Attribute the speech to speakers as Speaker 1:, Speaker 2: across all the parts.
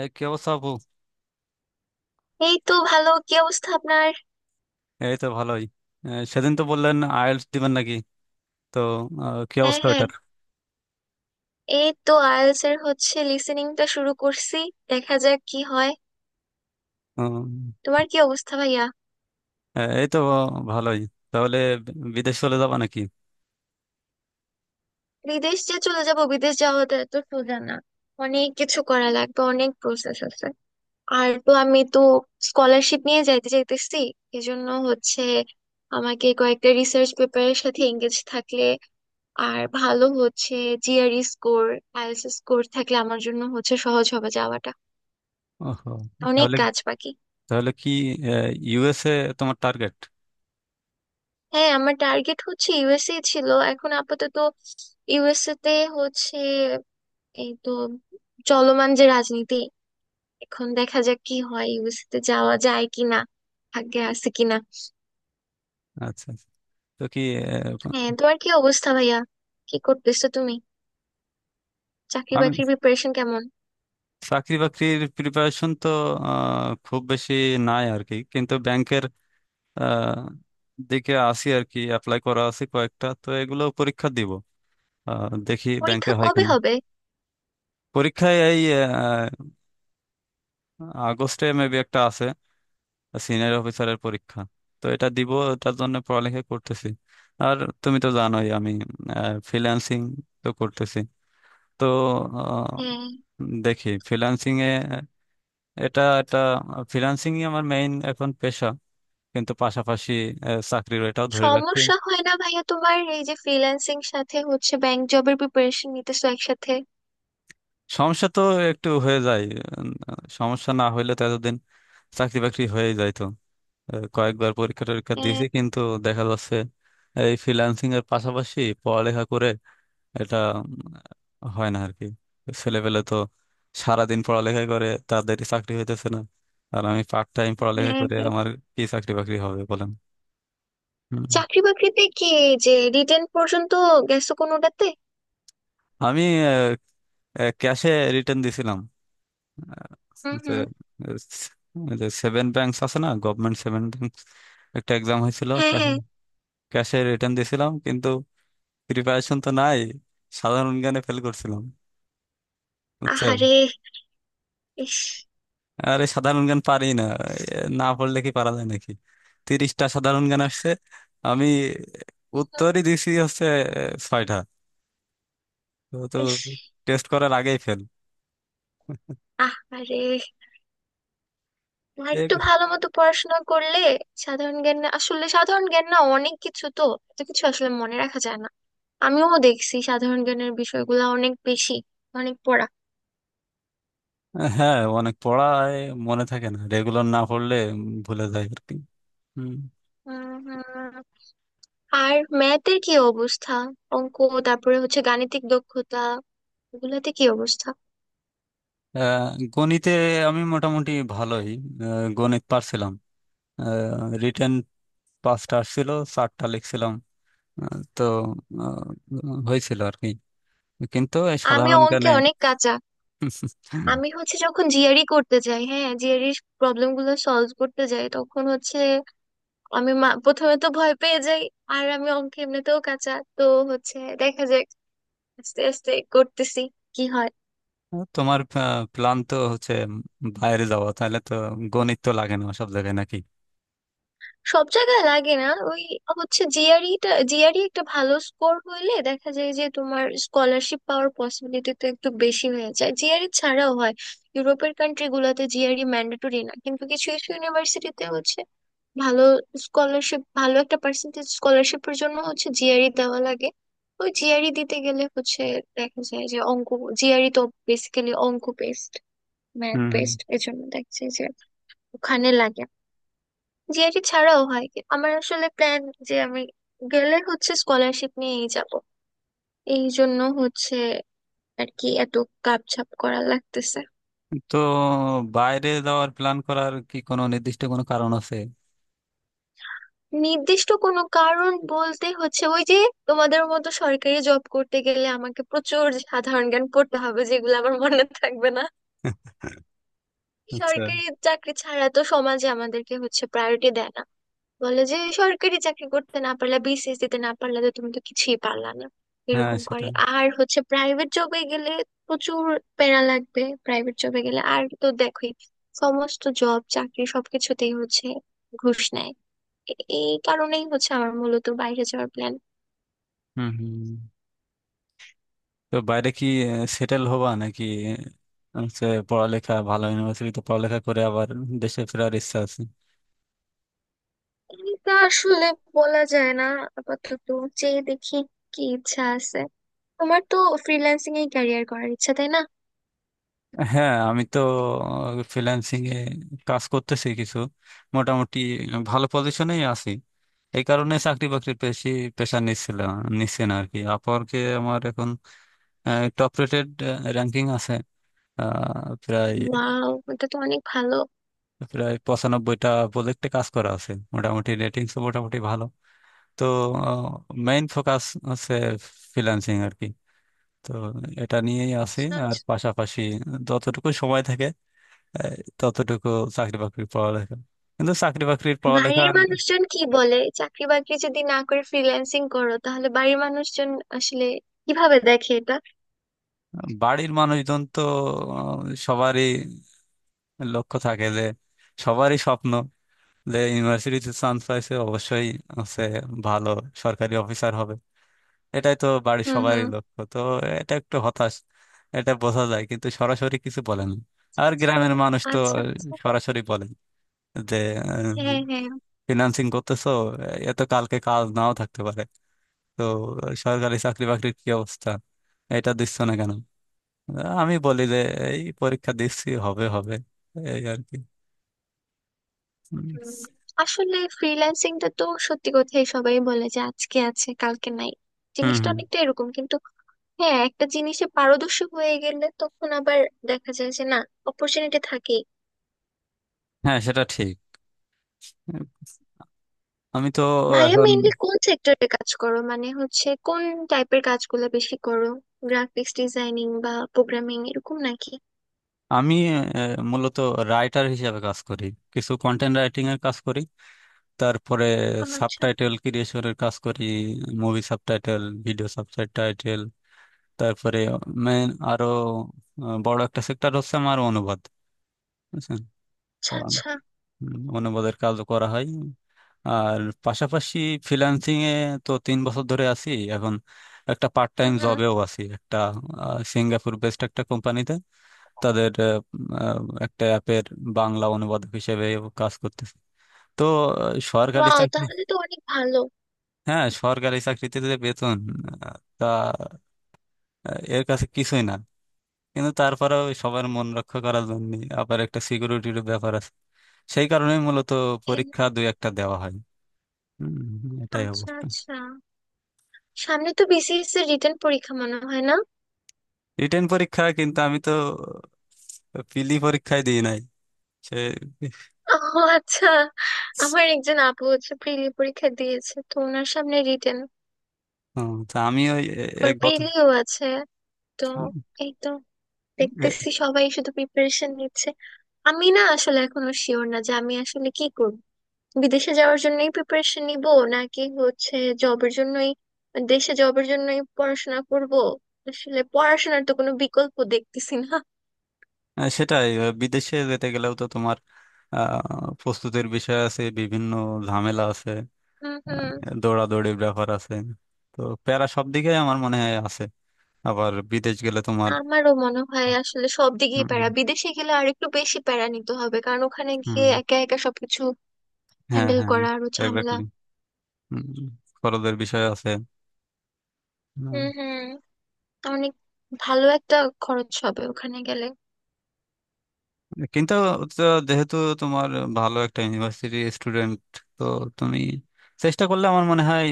Speaker 1: এই কি অবস্থা আপু?
Speaker 2: এই তো ভালো, কি অবস্থা আপনার?
Speaker 1: এই তো ভালোই। সেদিন তো বললেন আইএলটিএস দিবেন নাকি? তো কি
Speaker 2: হ্যাঁ
Speaker 1: অবস্থা
Speaker 2: হ্যাঁ।
Speaker 1: এটার?
Speaker 2: এই তো আইএলটিএস এর হচ্ছে লিসেনিংটা শুরু করছি, দেখা যাক কি হয়।
Speaker 1: উম,
Speaker 2: তোমার কি অবস্থা ভাইয়া?
Speaker 1: এই তো ভালোই। তাহলে বিদেশ চলে যাবা নাকি?
Speaker 2: বিদেশ যে চলে যাব, বিদেশ যাওয়াটা এত সোজা না। অনেক কিছু করা লাগবে, অনেক প্রসেস আছে। আর তো আমি স্কলারশিপ নিয়ে যাইতে চাইতেছি। এজন্য হচ্ছে আমাকে কয়েকটা রিসার্চ পেপারের সাথে এঙ্গেজ থাকলে আর ভালো হচ্ছে। জিআরই স্কোর, আইএলটিএস স্কোর থাকলে আমার জন্য হচ্ছে সহজ হবে যাওয়াটা।
Speaker 1: ওহো।
Speaker 2: অনেক
Speaker 1: তাহলে,
Speaker 2: কাজ বাকি।
Speaker 1: তাহলে কি ইউএসএ তোমার টার্গেট?
Speaker 2: হ্যাঁ, আমার টার্গেট হচ্ছে ইউএসএ ছিল, এখন আপাতত ইউএসএ তে হচ্ছে। এই তো চলমান যে রাজনীতি, এখন দেখা যাক কি হয়, ইউএসএ তে যাওয়া যায় কিনা, ভাগ্যে আছে কিনা।
Speaker 1: আচ্ছা, আচ্ছা। তো কি আহ,
Speaker 2: হ্যাঁ, তোমার কি অবস্থা ভাইয়া? কি করতেছো তুমি? চাকরি
Speaker 1: আমি
Speaker 2: বাকরির প্রিপারেশন কেমন?
Speaker 1: চাকরি বাকরির প্রিপারেশন তো খুব বেশি নাই আর কি, কিন্তু ব্যাংকের আহ, দিকে আসি আর কি। অ্যাপ্লাই করা আছে কয়েকটা, তো এগুলো পরীক্ষা দিব। দেখি ব্যাংকে
Speaker 2: পরীক্ষা
Speaker 1: হয়
Speaker 2: কবে
Speaker 1: কিনা।
Speaker 2: হবে?
Speaker 1: পরীক্ষায় এই আগস্টে মেবি একটা আছে, সিনিয়র অফিসারের পরীক্ষা। তো এটা দিব, এটার জন্য পড়ালেখা করতেছি। আর তুমি তো জানোই আমি ফ্রিল্যান্সিং তো করতেছি। তো আহ,
Speaker 2: হ্যাঁ।
Speaker 1: দেখি ফ্রিল্যান্সিং এ এটা এটা ফ্রিল্যান্সিং আমার মেইন এখন পেশা, কিন্তু পাশাপাশি চাকরির এটাও ধরে রাখছি।
Speaker 2: সমস্যা হয় না ভাইয়া তোমার এই যে ফ্রিল্যান্সিং সাথে হচ্ছে ব্যাংক জবের প্রিপারেশন নিতেছো একসাথে?
Speaker 1: সমস্যা তো একটু হয়ে যায়। উম, সমস্যা না হইলে তো এতদিন চাকরি বাকরি হয়ে যাইতো। কয়েকবার পরীক্ষা টরীক্ষা
Speaker 2: হ্যাঁ
Speaker 1: দিয়েছি, কিন্তু দেখা যাচ্ছে এই ফ্রিল্যান্সিং এর পাশাপাশি পড়ালেখা করে এটা হয় না আর কি। ছেলেপেলে তো সারাদিন পড়ালেখা করে তাদের চাকরি হইতেছে না, আর আমি পার্ট টাইম পড়ালেখা
Speaker 2: হ্যাঁ।
Speaker 1: করে
Speaker 2: হ্যাঁ।
Speaker 1: আমার কি চাকরি বাকরি হবে বলেন? হুম।
Speaker 2: চাকরি বাকরিতে কি, যে রিটেন পর্যন্ত গেছো কোনোটাতে?
Speaker 1: আমি ক্যাশে রিটার্ন দিছিলাম,
Speaker 2: হুম হুম।
Speaker 1: যে সেভেন ব্যাংকস আছে না, গভর্নমেন্ট সেভেন ব্যাংকস, একটা এক্সাম হয়েছিল।
Speaker 2: হ্যাঁ হ্যাঁ।
Speaker 1: ক্যাশে রিটার্ন দিছিলাম, কিন্তু প্রিপারেশন তো নাই, সাধারণ গানে ফেল করছিলাম, বুঝছো?
Speaker 2: আহারে, ইস।
Speaker 1: আরে সাধারণ গান পারি না, না পড়লে কি পারা যায় নাকি? 30টা সাধারণ গান আসছে, আমি
Speaker 2: হুম,
Speaker 1: উত্তরই দিছি হচ্ছে এ, ছয়টা। তো তো
Speaker 2: ইস,
Speaker 1: টেস্ট করার আগেই ফেল।
Speaker 2: আহারে। আর একটু
Speaker 1: এ-
Speaker 2: ভালো মতো পড়াশোনা করলে সাধারণ জ্ঞান, না আসলে সাধারণ জ্ঞান না, অনেক কিছু তো। এত কিছু আসলে মনে রাখা যায় না। আমিও দেখছি সাধারণ জ্ঞানের বিষয়গুলো অনেক বেশি, অনেক পড়া।
Speaker 1: হ্যাঁ অনেক পড়ায়, মনে থাকে না রেগুলার না পড়লে, ভুলে যায় আর কি। হুম।
Speaker 2: হুম হুম। আর ম্যাথের কি অবস্থা? অঙ্ক, তারপরে হচ্ছে গাণিতিক দক্ষতা, এগুলাতে কি অবস্থা?
Speaker 1: আহ, গণিতে আমি মোটামুটি ভালোই, গণিত পারছিলাম। রিটেন পাঁচটা আসছিল, চারটা লিখছিলাম। আহ, তো হয়েছিল আর কি, কিন্তু এই
Speaker 2: আমি
Speaker 1: সাধারণ
Speaker 2: অঙ্কে
Speaker 1: জ্ঞানে।
Speaker 2: অনেক কাঁচা। আমি হচ্ছে যখন জিআরই করতে যাই, হ্যাঁ জিআরই প্রবলেম গুলো সলভ করতে যাই, তখন হচ্ছে আমি প্রথমে তো ভয় পেয়ে যাই। আর আমি অঙ্ক এমনিতেও কাঁচা। তো হচ্ছে দেখা যাক, আস্তে আস্তে করতেছি, কি হয়।
Speaker 1: তোমার প্ল্যান তো হচ্ছে বাইরে যাওয়া, তাহলে তো গণিত তো লাগে না সব জায়গায় নাকি?
Speaker 2: সব জায়গায় লাগে না, ওই হচ্ছে জিআরইটা। জিআরই একটা ভালো স্কোর হইলে দেখা যায় যে তোমার স্কলারশিপ পাওয়ার পসিবিলিটি তো একটু বেশি হয়ে যায়। জিআরই ছাড়াও হয়, ইউরোপের কান্ট্রি গুলোতে জিআরই ম্যান্ডেটরি না, কিন্তু কিছু কিছু ইউনিভার্সিটিতে হচ্ছে ভালো স্কলারশিপ, ভালো একটা পার্সেন্টেজ স্কলারশিপের জন্য হচ্ছে জিআরই দেওয়া লাগে। ওই জিআরই দিতে গেলে হচ্ছে দেখা যায় যে অঙ্ক, জিআরই তো বেসিক্যালি অঙ্ক বেসড, ম্যাথ
Speaker 1: হুম হুম।
Speaker 2: বেসড, এজন্য দেখা যায় যে ওখানে লাগে। জিআরই ছাড়াও হয় আমার আসলে প্ল্যান যে আমি গেলে হচ্ছে স্কলারশিপ নিয়েই যাব। এই জন্য হচ্ছে আর কি এত কাপছাপ করা লাগতেছে।
Speaker 1: তো বাইরে যাওয়ার প্ল্যান করার কি কোনো নির্দিষ্ট কোনো কারণ আছে?
Speaker 2: নির্দিষ্ট কোনো কারণ বলতে হচ্ছে ওই যে তোমাদের মতো সরকারি জব করতে গেলে আমাকে প্রচুর সাধারণ জ্ঞান পড়তে হবে, যেগুলো আমার মনে থাকবে না।
Speaker 1: আচ্ছা।
Speaker 2: সরকারি চাকরি ছাড়া তো সমাজে আমাদেরকে হচ্ছে প্রায়োরিটি দেয় না, বলে যে সরকারি চাকরি করতে না পারলে, বিসিএস দিতে না পারলে, তো তুমি তো কিছুই পারলা না,
Speaker 1: হ্যাঁ
Speaker 2: এরকম করে।
Speaker 1: সেটাই।
Speaker 2: আর হচ্ছে প্রাইভেট জবে গেলে প্রচুর প্যারা লাগবে, প্রাইভেট জবে গেলে আর তো দেখোই সমস্ত জব চাকরি সবকিছুতেই হচ্ছে ঘুষ নেয়। এ- এই কারণেই হচ্ছে আমার মূলত বাইরে যাওয়ার প্ল্যান।
Speaker 1: হুম হুম। তো বাইরে কি সেটেল হবা নাকি? হচ্ছে পড়ালেখা ভালো ইউনিভার্সিটিতে পড়ালেখা করে আবার দেশে ফেরার ইচ্ছা আছে?
Speaker 2: এটা আসলে বলা যায় না, আপাতত যে দেখি কি ইচ্ছা আছে। তোমার তো ফ্রিল্যান্সিং এ ক্যারিয়ার করার ইচ্ছা, তাই না?
Speaker 1: হ্যাঁ আমি তো ফ্রিল্যান্সিং এ কাজ করতেছি কিছু, মোটামুটি ভালো পজিশনেই আছি। এই কারণে চাকরি বাকরির বেশি প্রেশার নিচ্ছিলাম, নিচ্ছে না আর কি। আপওয়ার্কে আমার এখন টপ রেটেড র্যাঙ্কিং আছে। আহ, প্রায়
Speaker 2: ওয়াও, এটা তো অনেক ভালো।
Speaker 1: প্রায় 95টা প্রজেক্টে কাজ করা আছে, মোটামুটি রেটিংস মোটামুটি ভালো। তো মেইন ফোকাস হচ্ছে ফ্রিল্যান্সিং আর কি। তো এটা নিয়েই আছি।
Speaker 2: আচ্ছা,
Speaker 1: আর
Speaker 2: আচ্ছা।
Speaker 1: পাশাপাশি যতটুকু সময় থাকে এই ততটুকু চাকরি বাকরির পড়ালেখা। কিন্তু চাকরি বাকরির
Speaker 2: বাড়ির
Speaker 1: পড়ালেখার
Speaker 2: মানুষজন কি বলে? চাকরি বাকরি যদি না করে ফ্রিল্যান্সিং করো, তাহলে বাড়ির মানুষজন আসলে কিভাবে দেখে এটা?
Speaker 1: বাড়ির মানুষজন তো আহ, সবারই লক্ষ্য থাকে যে, সবারই স্বপ্ন যে ইউনিভার্সিটিতে চান্স পাইছে অবশ্যই হচ্ছে ভালো সরকারি অফিসার হবে, এটাই তো বাড়ির
Speaker 2: হুম
Speaker 1: সবারই
Speaker 2: হুম।
Speaker 1: লক্ষ্য তো। এটা একটু হতাশ, এটা বোঝা যায়, কিন্তু সরাসরি কিছু বলেন না। আর
Speaker 2: আচ্ছা,
Speaker 1: গ্রামের মানুষ তো
Speaker 2: আচ্ছা আচ্ছা।
Speaker 1: সরাসরি বলেন যে,
Speaker 2: হ্যাঁ হ্যাঁ।
Speaker 1: ফিনান্সিং করতেছো, এ তো কালকে কাজ নাও থাকতে পারে, তো সরকারি চাকরি বাকরির কি অবস্থা, এটা দিচ্ছ না কেন? আমি বলি যে এই পরীক্ষা দিচ্ছি, হবে হবে, এই আর কি। হুম
Speaker 2: হুম। আসলে ফ্রিল্যান্সিংটা তো সত্যি কথাই, সবাই বলে যে আজকে আছে কালকে নাই,
Speaker 1: হুম
Speaker 2: জিনিসটা
Speaker 1: হুম।
Speaker 2: অনেকটা এরকম, কিন্তু হ্যাঁ একটা জিনিসে পারদর্শী হয়ে গেলে তখন আবার দেখা যায় যে না, অপরচুনিটি থাকেই।
Speaker 1: হ্যাঁ সেটা ঠিক। আমি তো
Speaker 2: ভাইয়া
Speaker 1: এখন
Speaker 2: মেইনলি কোন সেক্টরে কাজ করো? মানে হচ্ছে কোন টাইপের কাজগুলো বেশি করো? গ্রাফিক্স ডিজাইনিং বা প্রোগ্রামিং এরকম নাকি?
Speaker 1: আমি মূলত রাইটার হিসেবে কাজ করি, কিছু কন্টেন্ট রাইটিং এর কাজ করি। তারপরে
Speaker 2: আচ্ছা
Speaker 1: সাবটাইটেল ক্রিয়েশনের কাজ করি, মুভি সাবটাইটেল, ভিডিও সাবটাইটেল। তারপরে মেন আরো বড় একটা সেক্টর হচ্ছে আমার অনুবাদ, বুঝছেন?
Speaker 2: আচ্ছা। আচ্ছা।
Speaker 1: অনুবাদের কাজও করা হয়। আর পাশাপাশি ফ্রিল্যান্সিং এ তো 3 বছর ধরে আছি এখন। একটা পার্ট
Speaker 2: হুম
Speaker 1: টাইম
Speaker 2: হুম।
Speaker 1: জবেও আছি একটা, সিঙ্গাপুর বেসড একটা কোম্পানিতে। তাদের আহ, আহ, একটা অ্যাপের বাংলা অনুবাদক হিসেবে কাজ করতেছি। তো সরকারি
Speaker 2: ওয়াও,
Speaker 1: চাকরি,
Speaker 2: তাহলে তো অনেক ভালো।
Speaker 1: হ্যাঁ সরকারি চাকরিতে যে বেতন আহ, তা এর কাছে কিছুই না। কিন্তু তারপরেও সবার মন রক্ষা করার জন্য, আবার একটা সিকিউরিটির ব্যাপার আছে, সেই কারণে মূলত
Speaker 2: এ,
Speaker 1: পরীক্ষা দুই একটা দেওয়া হয়। হুম, হুম, এটাই
Speaker 2: আচ্ছা
Speaker 1: অবস্থা।
Speaker 2: আচ্ছা। সামনে তো বিসিএস এর রিটেন পরীক্ষা মনে হয় না?
Speaker 1: রিটেন পরীক্ষা, কিন্তু আমি তো পিলি পরীক্ষায় দিই নাই সে।
Speaker 2: ও, আচ্ছা। আমার একজন আপু হচ্ছে প্রিলি পরীক্ষা দিয়েছে, তো ওনার সামনে রিটেন।
Speaker 1: হুম, তা আমি ওই এ- এ
Speaker 2: আবার
Speaker 1: গত
Speaker 2: প্রিলিও আছে তো। এই তো দেখতেছি
Speaker 1: এ-
Speaker 2: সবাই শুধু প্রিপারেশন নিচ্ছে। আমি না আসলে এখনো শিওর না যে আমি আসলে কি করব, বিদেশে যাওয়ার জন্যই প্রিপারেশন নিব, নাকি হচ্ছে জবের জন্যই, দেশে জবের জন্যই পড়াশোনা করব। আসলে পড়াশোনার তো কোনো বিকল্প দেখতেছি না।
Speaker 1: সেটাই। বিদেশে যেতে গেলেও তো তোমার প্রস্তুতির বিষয় আছে, বিভিন্ন ঝামেলা আছে,
Speaker 2: হুম হুম।
Speaker 1: দৌড়াদৌড়ির ব্যাপার আছে। তো প্যারা সব দিকে আমার মনে হয় আছে। আবার বিদেশ গেলে তোমার,
Speaker 2: আমারও মনে হয় আসলে সব দিকেই
Speaker 1: হুম,
Speaker 2: প্যারা। বিদেশে গেলে আর একটু বেশি প্যারা নিতে হবে, কারণ ওখানে
Speaker 1: হুম,
Speaker 2: গিয়ে একা একা সবকিছু
Speaker 1: হ্যাঁ
Speaker 2: হ্যান্ডেল
Speaker 1: হ্যাঁ,
Speaker 2: করা আরো ঝামেলা।
Speaker 1: এক্স্যাক্টলি, খরচের বিষয় আছে।
Speaker 2: হুম হুম। অনেক ভালো একটা খরচ হবে ওখানে গেলে।
Speaker 1: কিন্তু তো যেহেতু তোমার ভালো একটা ইউনিভার্সিটি স্টুডেন্ট, তো তুমি চেষ্টা করলে আমার মনে হয়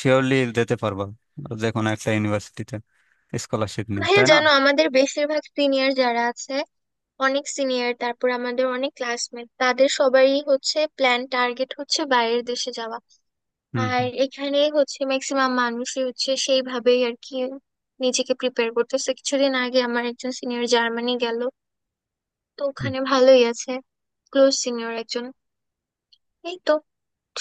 Speaker 1: শিওরলি দিতে পারবা যে কোনো একটা ইউনিভার্সিটিতে স্কলারশিপ নিয়ে,
Speaker 2: ভাইয়া
Speaker 1: তাই না?
Speaker 2: জানো আমাদের বেশিরভাগ সিনিয়র যারা আছে, অনেক সিনিয়র, তারপর আমাদের অনেক ক্লাসমেট, তাদের সবারই হচ্ছে প্ল্যান টার্গেট হচ্ছে বাইরের দেশে যাওয়া।
Speaker 1: হুম
Speaker 2: আর
Speaker 1: হুম।
Speaker 2: এখানে হচ্ছে ম্যাক্সিমাম মানুষই হচ্ছে সেইভাবেই আর কি নিজেকে প্রিপেয়ার করতেছে। কিছুদিন আগে আমার একজন সিনিয়র জার্মানি গেল, তো
Speaker 1: হুম,
Speaker 2: ওখানে ভালোই আছে, ক্লোজ সিনিয়র একজন। এই তো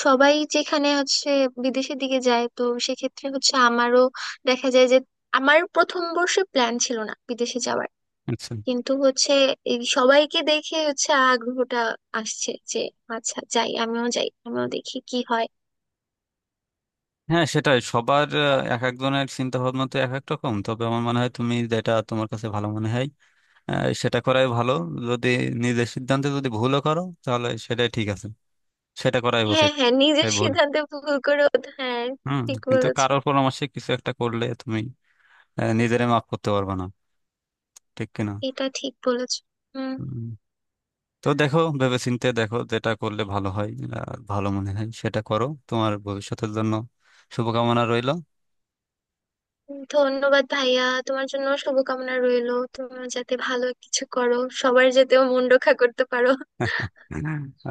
Speaker 2: সবাই যেখানে হচ্ছে বিদেশের দিকে যায়, তো সেক্ষেত্রে হচ্ছে আমারও দেখা যায় যে, আমার প্রথম বর্ষে প্ল্যান ছিল না বিদেশে যাওয়ার,
Speaker 1: আচ্ছা।
Speaker 2: কিন্তু হচ্ছে এই সবাইকে দেখে হচ্ছে আগ্রহটা আসছে যে আচ্ছা যাই, আমিও যাই, আমিও দেখি কি হয়।
Speaker 1: হ্যাঁ সেটাই। সবার এক একজনের চিন্তা ভাবনা তো এক এক রকম। তবে আমার মনে হয় তুমি যেটা তোমার কাছে ভালো মনে হয় সেটা করাই ভালো। যদি নিজের সিদ্ধান্তে যদি ভুলও করো তাহলে সেটাই ঠিক আছে, সেটা করাই
Speaker 2: হ্যাঁ
Speaker 1: উচিত।
Speaker 2: হ্যাঁ, নিজের
Speaker 1: তাই ভুল।
Speaker 2: সিদ্ধান্তে ভুল করে। হ্যাঁ,
Speaker 1: হুম।
Speaker 2: ঠিক
Speaker 1: কিন্তু
Speaker 2: বলেছো।
Speaker 1: কারোর পরামর্শে কিছু একটা করলে তুমি নিজেরে মাফ করতে পারবো না, ঠিক কিনা?
Speaker 2: এটা ঠিক বলেছো। হুম।
Speaker 1: হুম। তো দেখো ভেবেচিন্তে দেখো যেটা করলে ভালো হয়, ভালো মনে হয় সেটা করো। তোমার ভবিষ্যতের জন্য শুভকামনা রইল।
Speaker 2: ধন্যবাদ ভাইয়া, তোমার জন্য শুভকামনা রইলো, তুমি যাতে ভালো কিছু করো, সবার যাতেও মন রক্ষা করতে পারো।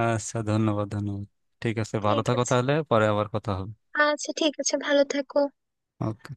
Speaker 1: আচ্ছা, ধন্যবাদ ধন্যবাদ। ঠিক আছে ভালো
Speaker 2: ঠিক
Speaker 1: থাকো,
Speaker 2: আছে।
Speaker 1: তাহলে পরে আবার কথা হবে।
Speaker 2: আচ্ছা, ঠিক আছে, ভালো থাকো।
Speaker 1: ওকে।